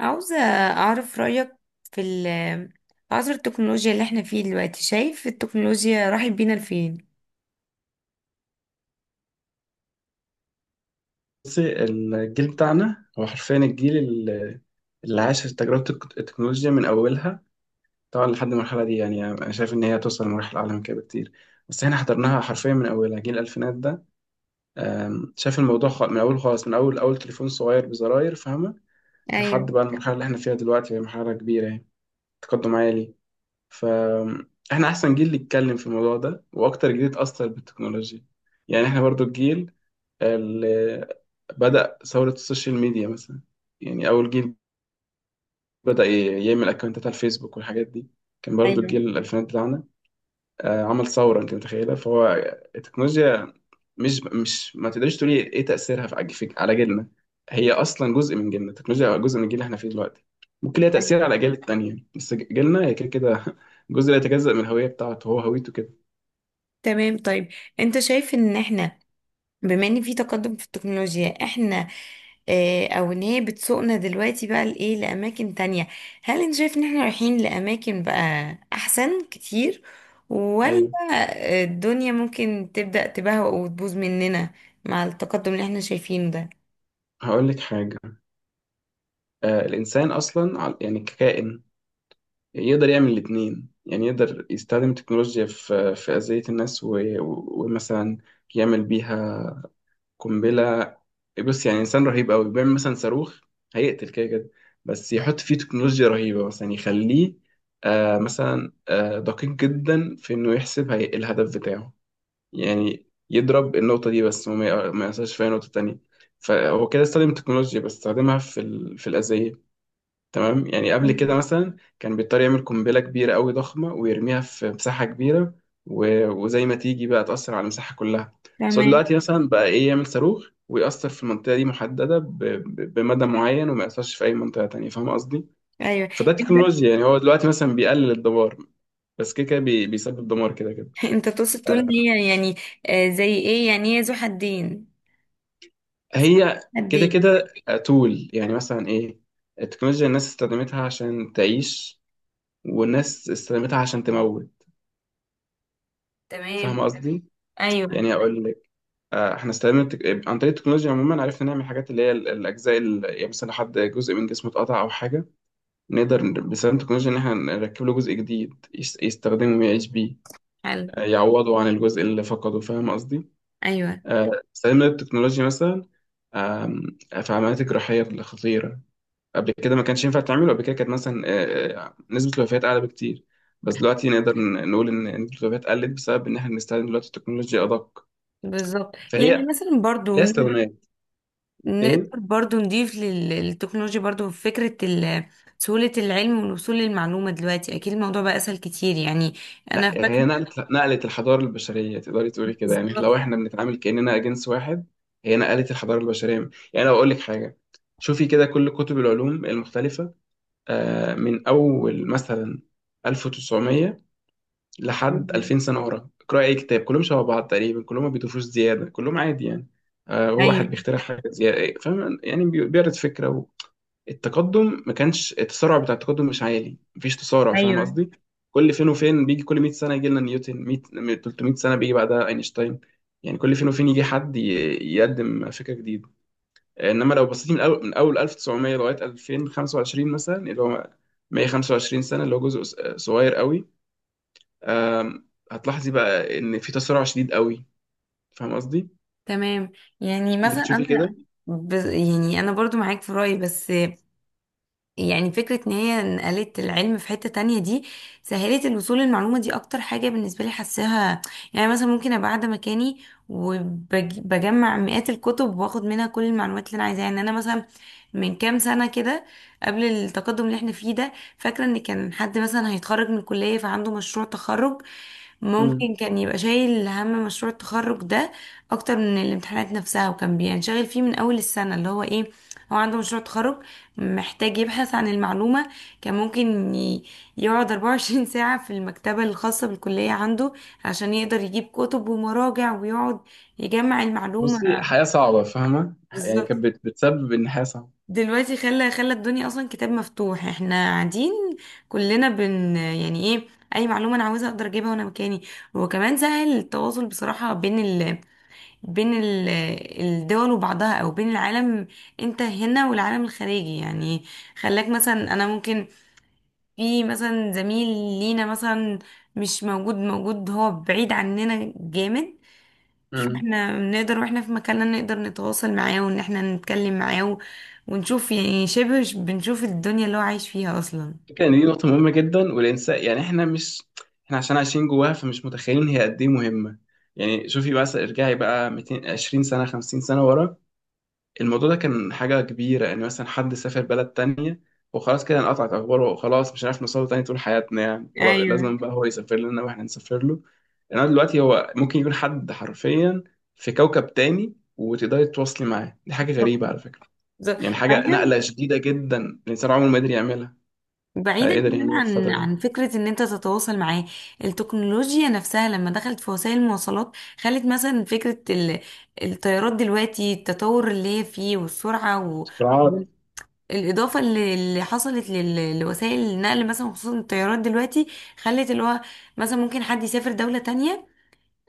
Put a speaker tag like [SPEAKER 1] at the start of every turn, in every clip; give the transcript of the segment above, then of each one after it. [SPEAKER 1] عاوزة أعرف رأيك في عصر التكنولوجيا اللي احنا فيه دلوقتي. شايف التكنولوجيا راحت بينا لفين؟
[SPEAKER 2] بصي، الجيل بتاعنا هو حرفيا الجيل اللي عاش تجربة التكنولوجيا من أولها. طبعا لحد المرحلة دي، يعني أنا شايف إن هي توصل لمراحل أعلى من كده بكتير. بس إحنا حضرناها حرفيا من أولها، جيل الألفينات ده. شايف الموضوع من أول خالص، من أول أول تليفون صغير بزراير، فاهمة.
[SPEAKER 1] ايوه.
[SPEAKER 2] لحد بقى المرحلة اللي إحنا فيها دلوقتي، هي مرحلة كبيرة يعني، تقدم عالي. فإحنا أحسن جيل يتكلم في الموضوع ده، وأكتر جيل اتأثر بالتكنولوجيا. يعني إحنا برضو الجيل بدأ ثورة السوشيال ميديا مثلا، يعني أول جيل بدأ يعمل أكونتات على الفيسبوك والحاجات دي، كان برضو
[SPEAKER 1] ايوه.
[SPEAKER 2] الجيل الألفينات بتاعنا. عمل ثورة، أنت متخيلة. فهو التكنولوجيا، مش ما تقدرش تقولي إيه إيه تأثيرها على جيلنا. هي أصلا جزء من جيلنا، التكنولوجيا جزء من الجيل اللي إحنا فيه دلوقتي. ممكن ليها تأثير
[SPEAKER 1] أيوة.
[SPEAKER 2] على الأجيال التانية، بس جيلنا هي كده كده جزء لا يتجزأ من الهوية بتاعته، هو هويته كده.
[SPEAKER 1] تمام. طيب، انت شايف ان احنا، بما ان في تقدم في التكنولوجيا، احنا اه او ان هي بتسوقنا دلوقتي بقى لايه، لأماكن تانية. هل انت شايف ان احنا رايحين لأماكن بقى أحسن كتير، ولا
[SPEAKER 2] أيوه.
[SPEAKER 1] الدنيا ممكن تبدأ تبهوأ وتبوظ مننا مع التقدم اللي احنا شايفينه ده؟
[SPEAKER 2] هقول لك حاجة. الإنسان أصلا يعني ككائن، يعني يقدر يعمل الاتنين. يعني يقدر يستخدم التكنولوجيا في أذية الناس، ومثلا يعمل بيها قنبلة. بص، يعني إنسان رهيب أوي بيعمل مثلا صاروخ، هيقتل كده كده، بس يحط فيه تكنولوجيا رهيبة، مثلا يعني يخليه، مثلا دقيق جدا في إنه يحسب هي الهدف بتاعه، يعني يضرب النقطة دي بس، وما ما يأثرش في أي نقطة تانية. فهو كده استخدم التكنولوجيا، بس استخدمها في الأذية. تمام، يعني قبل كده
[SPEAKER 1] مم.
[SPEAKER 2] مثلا كان بيضطر يعمل قنبلة كبيرة قوي ضخمة، ويرميها في مساحة كبيرة، وزي ما تيجي بقى، تأثر على المساحة كلها. بس هو
[SPEAKER 1] تمام.
[SPEAKER 2] دلوقتي مثلا بقى إيه، يعمل صاروخ ويأثر في المنطقة دي محددة بمدى معين، وما يأثرش في أي منطقة تانية، فاهم قصدي؟
[SPEAKER 1] ايوه.
[SPEAKER 2] فده
[SPEAKER 1] انت
[SPEAKER 2] تكنولوجيا يعني، هو دلوقتي مثلا بيقلل الدمار، بس كده كده بيسبب دمار كده كده.
[SPEAKER 1] انت تقصد تقول ان
[SPEAKER 2] آه،
[SPEAKER 1] هي يعني، زي ايه، يعني هي ذو حدين؟
[SPEAKER 2] هي كده
[SPEAKER 1] حدين.
[SPEAKER 2] كده. تول يعني مثلا ايه، التكنولوجيا الناس استخدمتها عشان تعيش، والناس استخدمتها عشان تموت، فاهم
[SPEAKER 1] تمام.
[SPEAKER 2] قصدي؟
[SPEAKER 1] ايوه.
[SPEAKER 2] يعني اقول لك، احنا عن طريق التكنولوجيا عموما عرفنا نعمل حاجات، اللي هي الاجزاء اللي يعني مثلا حد جزء من جسمه اتقطع او حاجه، نقدر باستخدام التكنولوجيا ان احنا نركب له جزء جديد يستخدمه ويعيش بيه.
[SPEAKER 1] حلو.
[SPEAKER 2] يعوضه عن الجزء اللي فقده، فاهم قصدي.
[SPEAKER 1] ايوه.
[SPEAKER 2] استخدمنا التكنولوجيا مثلا، آم، في عمليات الجراحيه الخطيره، قبل كده ما كانش ينفع تعمله. قبل كده كانت مثلا، نسبه الوفيات اعلى بكتير. بس دلوقتي نقدر نقول ان نسبه الوفيات قلت، بسبب ان احنا بنستخدم دلوقتي التكنولوجيا ادق.
[SPEAKER 1] بالظبط. يعني
[SPEAKER 2] فهي
[SPEAKER 1] مثلا برضو
[SPEAKER 2] لها استخدامات. ايه،
[SPEAKER 1] نقدر برضو نضيف للتكنولوجيا برضو فكرة سهولة العلم والوصول للمعلومة. دلوقتي اكيد الموضوع بقى اسهل كتير يعني.
[SPEAKER 2] لا،
[SPEAKER 1] انا فاكرة.
[SPEAKER 2] هي نقلت نقلت الحضارة البشرية، تقدري تقولي كده، يعني
[SPEAKER 1] بالظبط.
[SPEAKER 2] لو احنا بنتعامل كأننا جنس واحد. هي نقلت الحضارة البشرية. يعني لو أقول لك حاجة، شوفي كده كل كتب العلوم المختلفة، من أول مثلا 1900 لحد 2000 سنة ورا، اقرأي أي كتاب، كلهم شبه بعض تقريبا، كلهم ما بيضيفوش زيادة، كلهم عادي يعني. هو واحد
[SPEAKER 1] ايوه.
[SPEAKER 2] بيخترع حاجة زيادة، فاهم، يعني بيعرض فكرة. التقدم ما كانش، التسارع بتاع التقدم مش عالي، مفيش تسارع، فاهم
[SPEAKER 1] ايوه.
[SPEAKER 2] قصدي. كل فين وفين بيجي، كل 100 سنه يجي لنا نيوتن، 100 300 سنه بيجي بعدها اينشتاين. يعني كل فين وفين يجي حد يقدم فكره جديده. انما لو بصيت من اول، 1900 لغايه 2025 مثلا، اللي هو 125 سنه، اللي هو جزء صغير قوي. آم، هتلاحظي بقى ان في تسارع شديد قوي، فاهم قصدي.
[SPEAKER 1] تمام. يعني
[SPEAKER 2] انت
[SPEAKER 1] مثلا
[SPEAKER 2] بتشوفي كده.
[SPEAKER 1] انا يعني انا برضو معاك في رأيي، بس يعني فكرة ان هي نقلت العلم في حتة تانية دي، سهلت الوصول للمعلومة دي اكتر حاجة بالنسبة لي حاساها. يعني مثلا ممكن ابقى قاعدة مكاني وبجمع مئات الكتب واخد منها كل المعلومات اللي انا عايزاها. يعني انا مثلا من كام سنة كده، قبل التقدم اللي احنا فيه ده، فاكرة ان كان حد مثلا هيتخرج من الكلية فعنده مشروع تخرج.
[SPEAKER 2] مم.
[SPEAKER 1] ممكن كان يبقى شايل هم مشروع التخرج ده اكتر من الامتحانات نفسها، وكان بينشغل فيه من اول السنة اللي هو ايه. هو عنده مشروع تخرج، محتاج يبحث عن المعلومة. كان ممكن يقعد 24 ساعة في المكتبة الخاصة بالكلية عنده، عشان يقدر يجيب كتب ومراجع ويقعد يجمع
[SPEAKER 2] بصي،
[SPEAKER 1] المعلومة.
[SPEAKER 2] حياه صعبه فاهمه، يعني
[SPEAKER 1] بالظبط.
[SPEAKER 2] كانت بتسبب ان حياه
[SPEAKER 1] دلوقتي خلى الدنيا أصلا كتاب مفتوح. احنا قاعدين كلنا يعني ايه، أي معلومة أنا عاوزها أقدر أجيبها وأنا مكاني. وكمان سهل التواصل بصراحة بين بين ال... الدول وبعضها، أو بين العالم. أنت هنا والعالم الخارجي، يعني خلاك مثلا، أنا ممكن في مثلا زميل لينا مثلا مش موجود، موجود هو بعيد عننا جامد،
[SPEAKER 2] صعبه.
[SPEAKER 1] فاحنا نقدر واحنا في مكاننا نقدر نتواصل معاه وان احنا نتكلم معاه ونشوف يعني شبه بنشوف الدنيا اللي هو عايش فيها اصلا.
[SPEAKER 2] فكرة ان دي نقطة مهمة جدا، والانسان يعني احنا مش، احنا عشان عايشين جواها فمش متخيلين هي قد ايه مهمة. يعني شوفي، بس ارجعي بقى 200 20 سنة، 50 سنة ورا. الموضوع ده كان حاجة كبيرة، ان مثلا حد سافر بلد تانية وخلاص، كده انقطعت اخباره وخلاص، مش هنعرف نوصله تاني طول حياتنا، يعني خلاص
[SPEAKER 1] ايوه.
[SPEAKER 2] لازم بقى هو يسافر لنا واحنا نسافر له. انما دلوقتي هو ممكن يكون حد حرفيا في كوكب تاني، وتقدري تتواصلي معاه، دي حاجة
[SPEAKER 1] بالظبط.
[SPEAKER 2] غريبة على فكرة.
[SPEAKER 1] بالظبط.
[SPEAKER 2] يعني حاجة
[SPEAKER 1] بعيدا
[SPEAKER 2] نقلة شديدة جدا، الانسان عمره ما قدر يعملها.
[SPEAKER 1] بعيدا
[SPEAKER 2] قدر
[SPEAKER 1] كمان
[SPEAKER 2] يعملها في
[SPEAKER 1] عن
[SPEAKER 2] الفترة دي.
[SPEAKER 1] فكرة ان انت تتواصل معاه. التكنولوجيا نفسها لما دخلت في وسائل المواصلات، خلت مثلا فكرة الطيارات دلوقتي، التطور اللي هي فيه والسرعة،
[SPEAKER 2] اختراعات.
[SPEAKER 1] الإضافة اللي حصلت لوسائل النقل مثلا، خصوصا الطيارات دلوقتي، خلت اللي هو مثلا ممكن حد يسافر دولة تانية.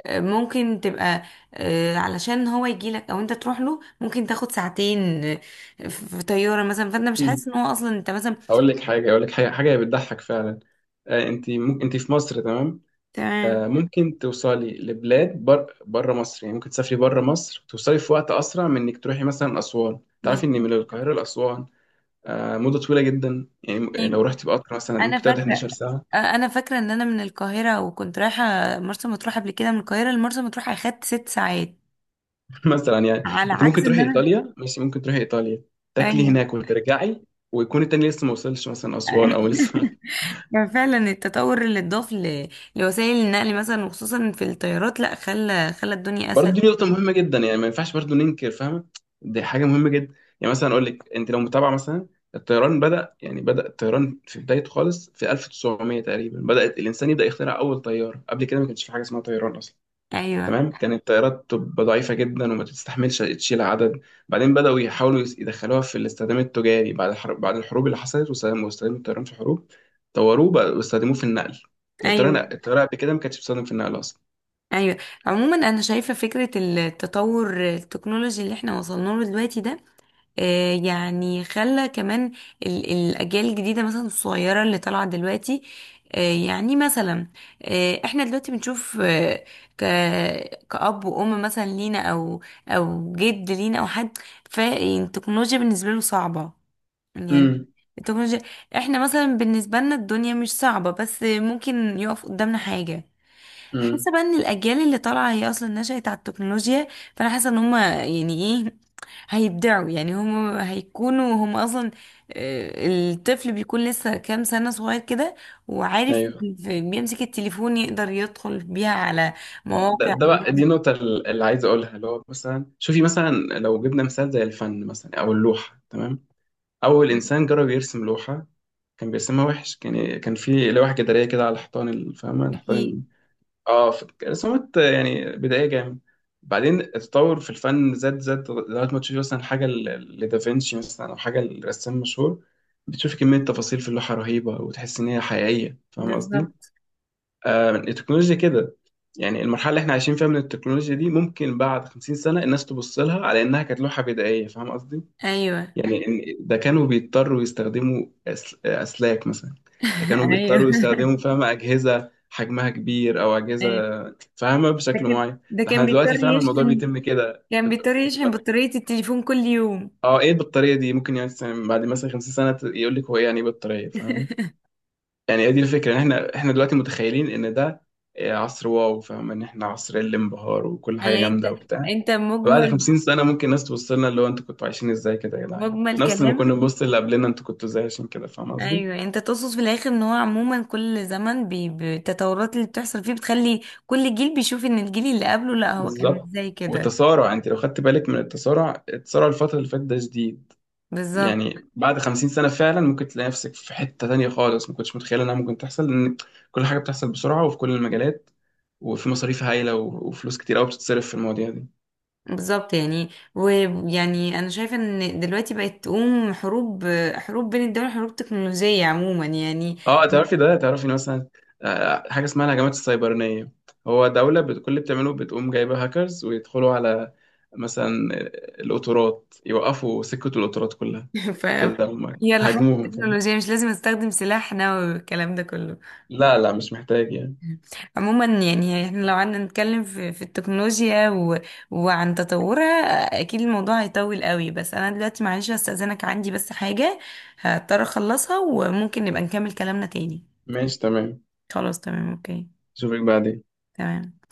[SPEAKER 1] ممكن تبقى، علشان هو يجيلك أو أنت تروح له ممكن تاخد ساعتين في طيارة مثلا، فأنت مش
[SPEAKER 2] مم.
[SPEAKER 1] حاسس إن هو أصلا أنت مثلا.
[SPEAKER 2] اقول لك حاجه، حاجه بتضحك فعلا. انت ممكن انت في مصر، تمام.
[SPEAKER 1] تمام.
[SPEAKER 2] ممكن توصلي لبلاد بره مصر، يعني ممكن تسافري بره مصر، توصلي في وقت اسرع من انك تروحي مثلا اسوان. تعرفي ان
[SPEAKER 1] بالظبط.
[SPEAKER 2] من القاهره لاسوان مده طويله جدا، يعني يعني
[SPEAKER 1] طيب،
[SPEAKER 2] لو رحتي بقطر مثلا
[SPEAKER 1] أنا
[SPEAKER 2] ممكن تقعدي
[SPEAKER 1] فاكرة،
[SPEAKER 2] 11 ساعه.
[SPEAKER 1] أنا فاكرة إن أنا من القاهرة وكنت رايحة مرسى مطروح. قبل كده من القاهرة لمرسى مطروح أخدت ست ساعات،
[SPEAKER 2] مثلا يعني،
[SPEAKER 1] على
[SPEAKER 2] انت
[SPEAKER 1] عكس
[SPEAKER 2] ممكن
[SPEAKER 1] إن
[SPEAKER 2] تروحي
[SPEAKER 1] أنا.
[SPEAKER 2] ايطاليا، ماشي، ممكن تروحي ايطاليا تاكلي
[SPEAKER 1] أيوه.
[SPEAKER 2] هناك وترجعي، ويكون التاني لسه ما وصلش مثلا اسوان، او لسه.
[SPEAKER 1] يعني فعلا التطور اللي اتضاف لوسائل النقل مثلا، وخصوصا في الطيارات، لا خلى الدنيا
[SPEAKER 2] برضه
[SPEAKER 1] اسهل.
[SPEAKER 2] دي نقطة مهمة جدا، يعني ما ينفعش برضه ننكر، فاهمة، دي حاجة مهمة جدا. يعني مثلا أقول لك، أنت لو متابعة مثلا الطيران، بدأ يعني، بدأ الطيران في بدايته خالص في 1900 تقريبا، بدأت الإنسان يبدأ يخترع أول طيارة. قبل كده ما كانش في حاجة اسمها طيران أصلا.
[SPEAKER 1] ايوه.
[SPEAKER 2] تمام. كانت الطيارات تبقى ضعيفة جدا وما تستحملش تشيل عدد. بعدين بدأوا يحاولوا يدخلوها في الاستخدام التجاري، بعد الحرب، بعد الحروب اللي حصلت، واستخدموا الطيران في الحروب، طوروه بقى واستخدموه في النقل. يعني الطيران،
[SPEAKER 1] ايوه.
[SPEAKER 2] الطيارة قبل كده ما كانتش بتستخدم في النقل أصلا.
[SPEAKER 1] ايوه. عموما انا شايفه فكره التطور التكنولوجي اللي احنا وصلنا له دلوقتي ده، يعني خلى كمان الاجيال الجديده مثلا الصغيره اللي طالعه دلوقتي، يعني مثلا، احنا دلوقتي بنشوف، ك كأب وأم مثلا لينا، أو أو جد لينا، أو حد، فالتكنولوجيا بالنسبة له صعبة يعني،
[SPEAKER 2] امم.
[SPEAKER 1] التكنولوجيا. احنا مثلا بالنسبة لنا الدنيا مش صعبة، بس ممكن يقف قدامنا حاجة.
[SPEAKER 2] امم.
[SPEAKER 1] حاسة بقى ان الأجيال اللي طالعة هي أصلا نشأت على التكنولوجيا. فأنا حاسة ان هما يعني ايه، هيبدعوا يعني، هما هيكونوا هما أصلا. الطفل بيكون لسه كام سنة صغير كده وعارف
[SPEAKER 2] ايوه،
[SPEAKER 1] بيمسك التليفون، يقدر يدخل بيها على
[SPEAKER 2] ده,
[SPEAKER 1] مواقع
[SPEAKER 2] ده بقى دي
[SPEAKER 1] ويقدر.
[SPEAKER 2] النقطة اللي عايز أقولها. اللي هو مثلا شوفي، مثلا لو جبنا مثال زي الفن مثلا، أو اللوحة، تمام. أول إنسان جرب يرسم لوحة، كان بيرسمها وحش، كان في لوحة جدارية كده على حيطان فاهمة الحيطان
[SPEAKER 1] أكيد.
[SPEAKER 2] اه رسومات يعني بدائية جامد. بعدين التطور في الفن زاد زاد لغاية ما تشوفي مثلا حاجة لدافنشي مثلا، أو حاجة لرسام مشهور، بتشوفي كمية تفاصيل في اللوحة رهيبة، وتحس إن هي حقيقية، فاهمة قصدي؟
[SPEAKER 1] بالظبط.
[SPEAKER 2] التكنولوجيا كده. يعني المرحله اللي احنا عايشين فيها من التكنولوجيا دي، ممكن بعد 50 سنه الناس تبص لها على انها كانت لوحه بدائيه، فاهم قصدي.
[SPEAKER 1] أيوه.
[SPEAKER 2] يعني إن ده كانوا بيضطروا يستخدموا اسلاك مثلا، ده كانوا
[SPEAKER 1] أيوه.
[SPEAKER 2] بيضطروا يستخدموا، فاهمه، اجهزه حجمها كبير او اجهزه
[SPEAKER 1] أيوه.
[SPEAKER 2] فاهمه بشكل معين،
[SPEAKER 1] ده
[SPEAKER 2] ده احنا
[SPEAKER 1] كان
[SPEAKER 2] دلوقتي،
[SPEAKER 1] بيضطر
[SPEAKER 2] فاهم، الموضوع
[SPEAKER 1] يشحن،
[SPEAKER 2] بيتم كده
[SPEAKER 1] كان بيضطر يشحن
[SPEAKER 2] اوتوماتيك.
[SPEAKER 1] بطارية التليفون كل يوم.
[SPEAKER 2] اه ايه البطاريه دي، ممكن يعني مثلاً بعد مثلا 50 سنه يقول لك هو ايه، يعني ايه بطاريه، فاهمه. يعني هي دي الفكرة، ان احنا دلوقتي متخيلين ان ده عصر واو، فاهم، ان احنا عصر الانبهار، وكل حاجة
[SPEAKER 1] يعني انت
[SPEAKER 2] جامدة وبتاع.
[SPEAKER 1] انت
[SPEAKER 2] بعد
[SPEAKER 1] مجمل،
[SPEAKER 2] 50 سنة ممكن الناس تبص لنا، اللي هو انتوا كنتوا عايشين ازاي كده يا جدعان،
[SPEAKER 1] مجمل
[SPEAKER 2] نفس ما كنا
[SPEAKER 1] كلامك.
[SPEAKER 2] بنبص اللي قبلنا انتوا كنتوا ازاي، عشان كده، فاهم قصدي.
[SPEAKER 1] ايوه. انت تقصد في الاخر ان هو عموما كل زمن بالتطورات اللي بتحصل فيه، بتخلي كل جيل بيشوف ان الجيل اللي قبله لا هو كان
[SPEAKER 2] بالظبط.
[SPEAKER 1] ازاي كده.
[SPEAKER 2] والتسارع، انت لو خدت بالك من التسارع الفترة اللي فاتت ده شديد.
[SPEAKER 1] بالظبط.
[SPEAKER 2] يعني بعد 50 سنة فعلا ممكن تلاقي نفسك في حتة تانية خالص، ما كنتش متخيل انها ممكن تحصل، لان كل حاجة بتحصل بسرعة، وفي كل المجالات، وفي مصاريف هايلة، وفلوس كتير قوي بتتصرف في المواضيع دي.
[SPEAKER 1] بالظبط. يعني انا شايفه ان دلوقتي بقت تقوم حروب، حروب بين الدول، حروب تكنولوجيه عموما يعني.
[SPEAKER 2] اه تعرفي ده، تعرفي إن مثلا، حاجه اسمها الهجمات السيبرانيه، هو دوله كل اللي بتعمله بتقوم جايبه هاكرز، ويدخلوا على مثلا القطارات، يوقفوا سكه القطارات كلها،
[SPEAKER 1] ف
[SPEAKER 2] كده، هم
[SPEAKER 1] يلا، حتى
[SPEAKER 2] هاجموهم فاهم.
[SPEAKER 1] التكنولوجيا مش لازم استخدم سلاح نووي والكلام ده كله.
[SPEAKER 2] لا، لا، مش محتاج يعني.
[SPEAKER 1] عموما يعني احنا لو قعدنا نتكلم في التكنولوجيا وعن تطورها، اكيد الموضوع هيطول قوي. بس انا دلوقتي معلش هستأذنك، عندي بس حاجة هضطر اخلصها، وممكن نبقى نكمل كلامنا تاني.
[SPEAKER 2] ماشي تمام.
[SPEAKER 1] خلاص، تمام، اوكي.
[SPEAKER 2] اشوفك بعدين.
[SPEAKER 1] تمام.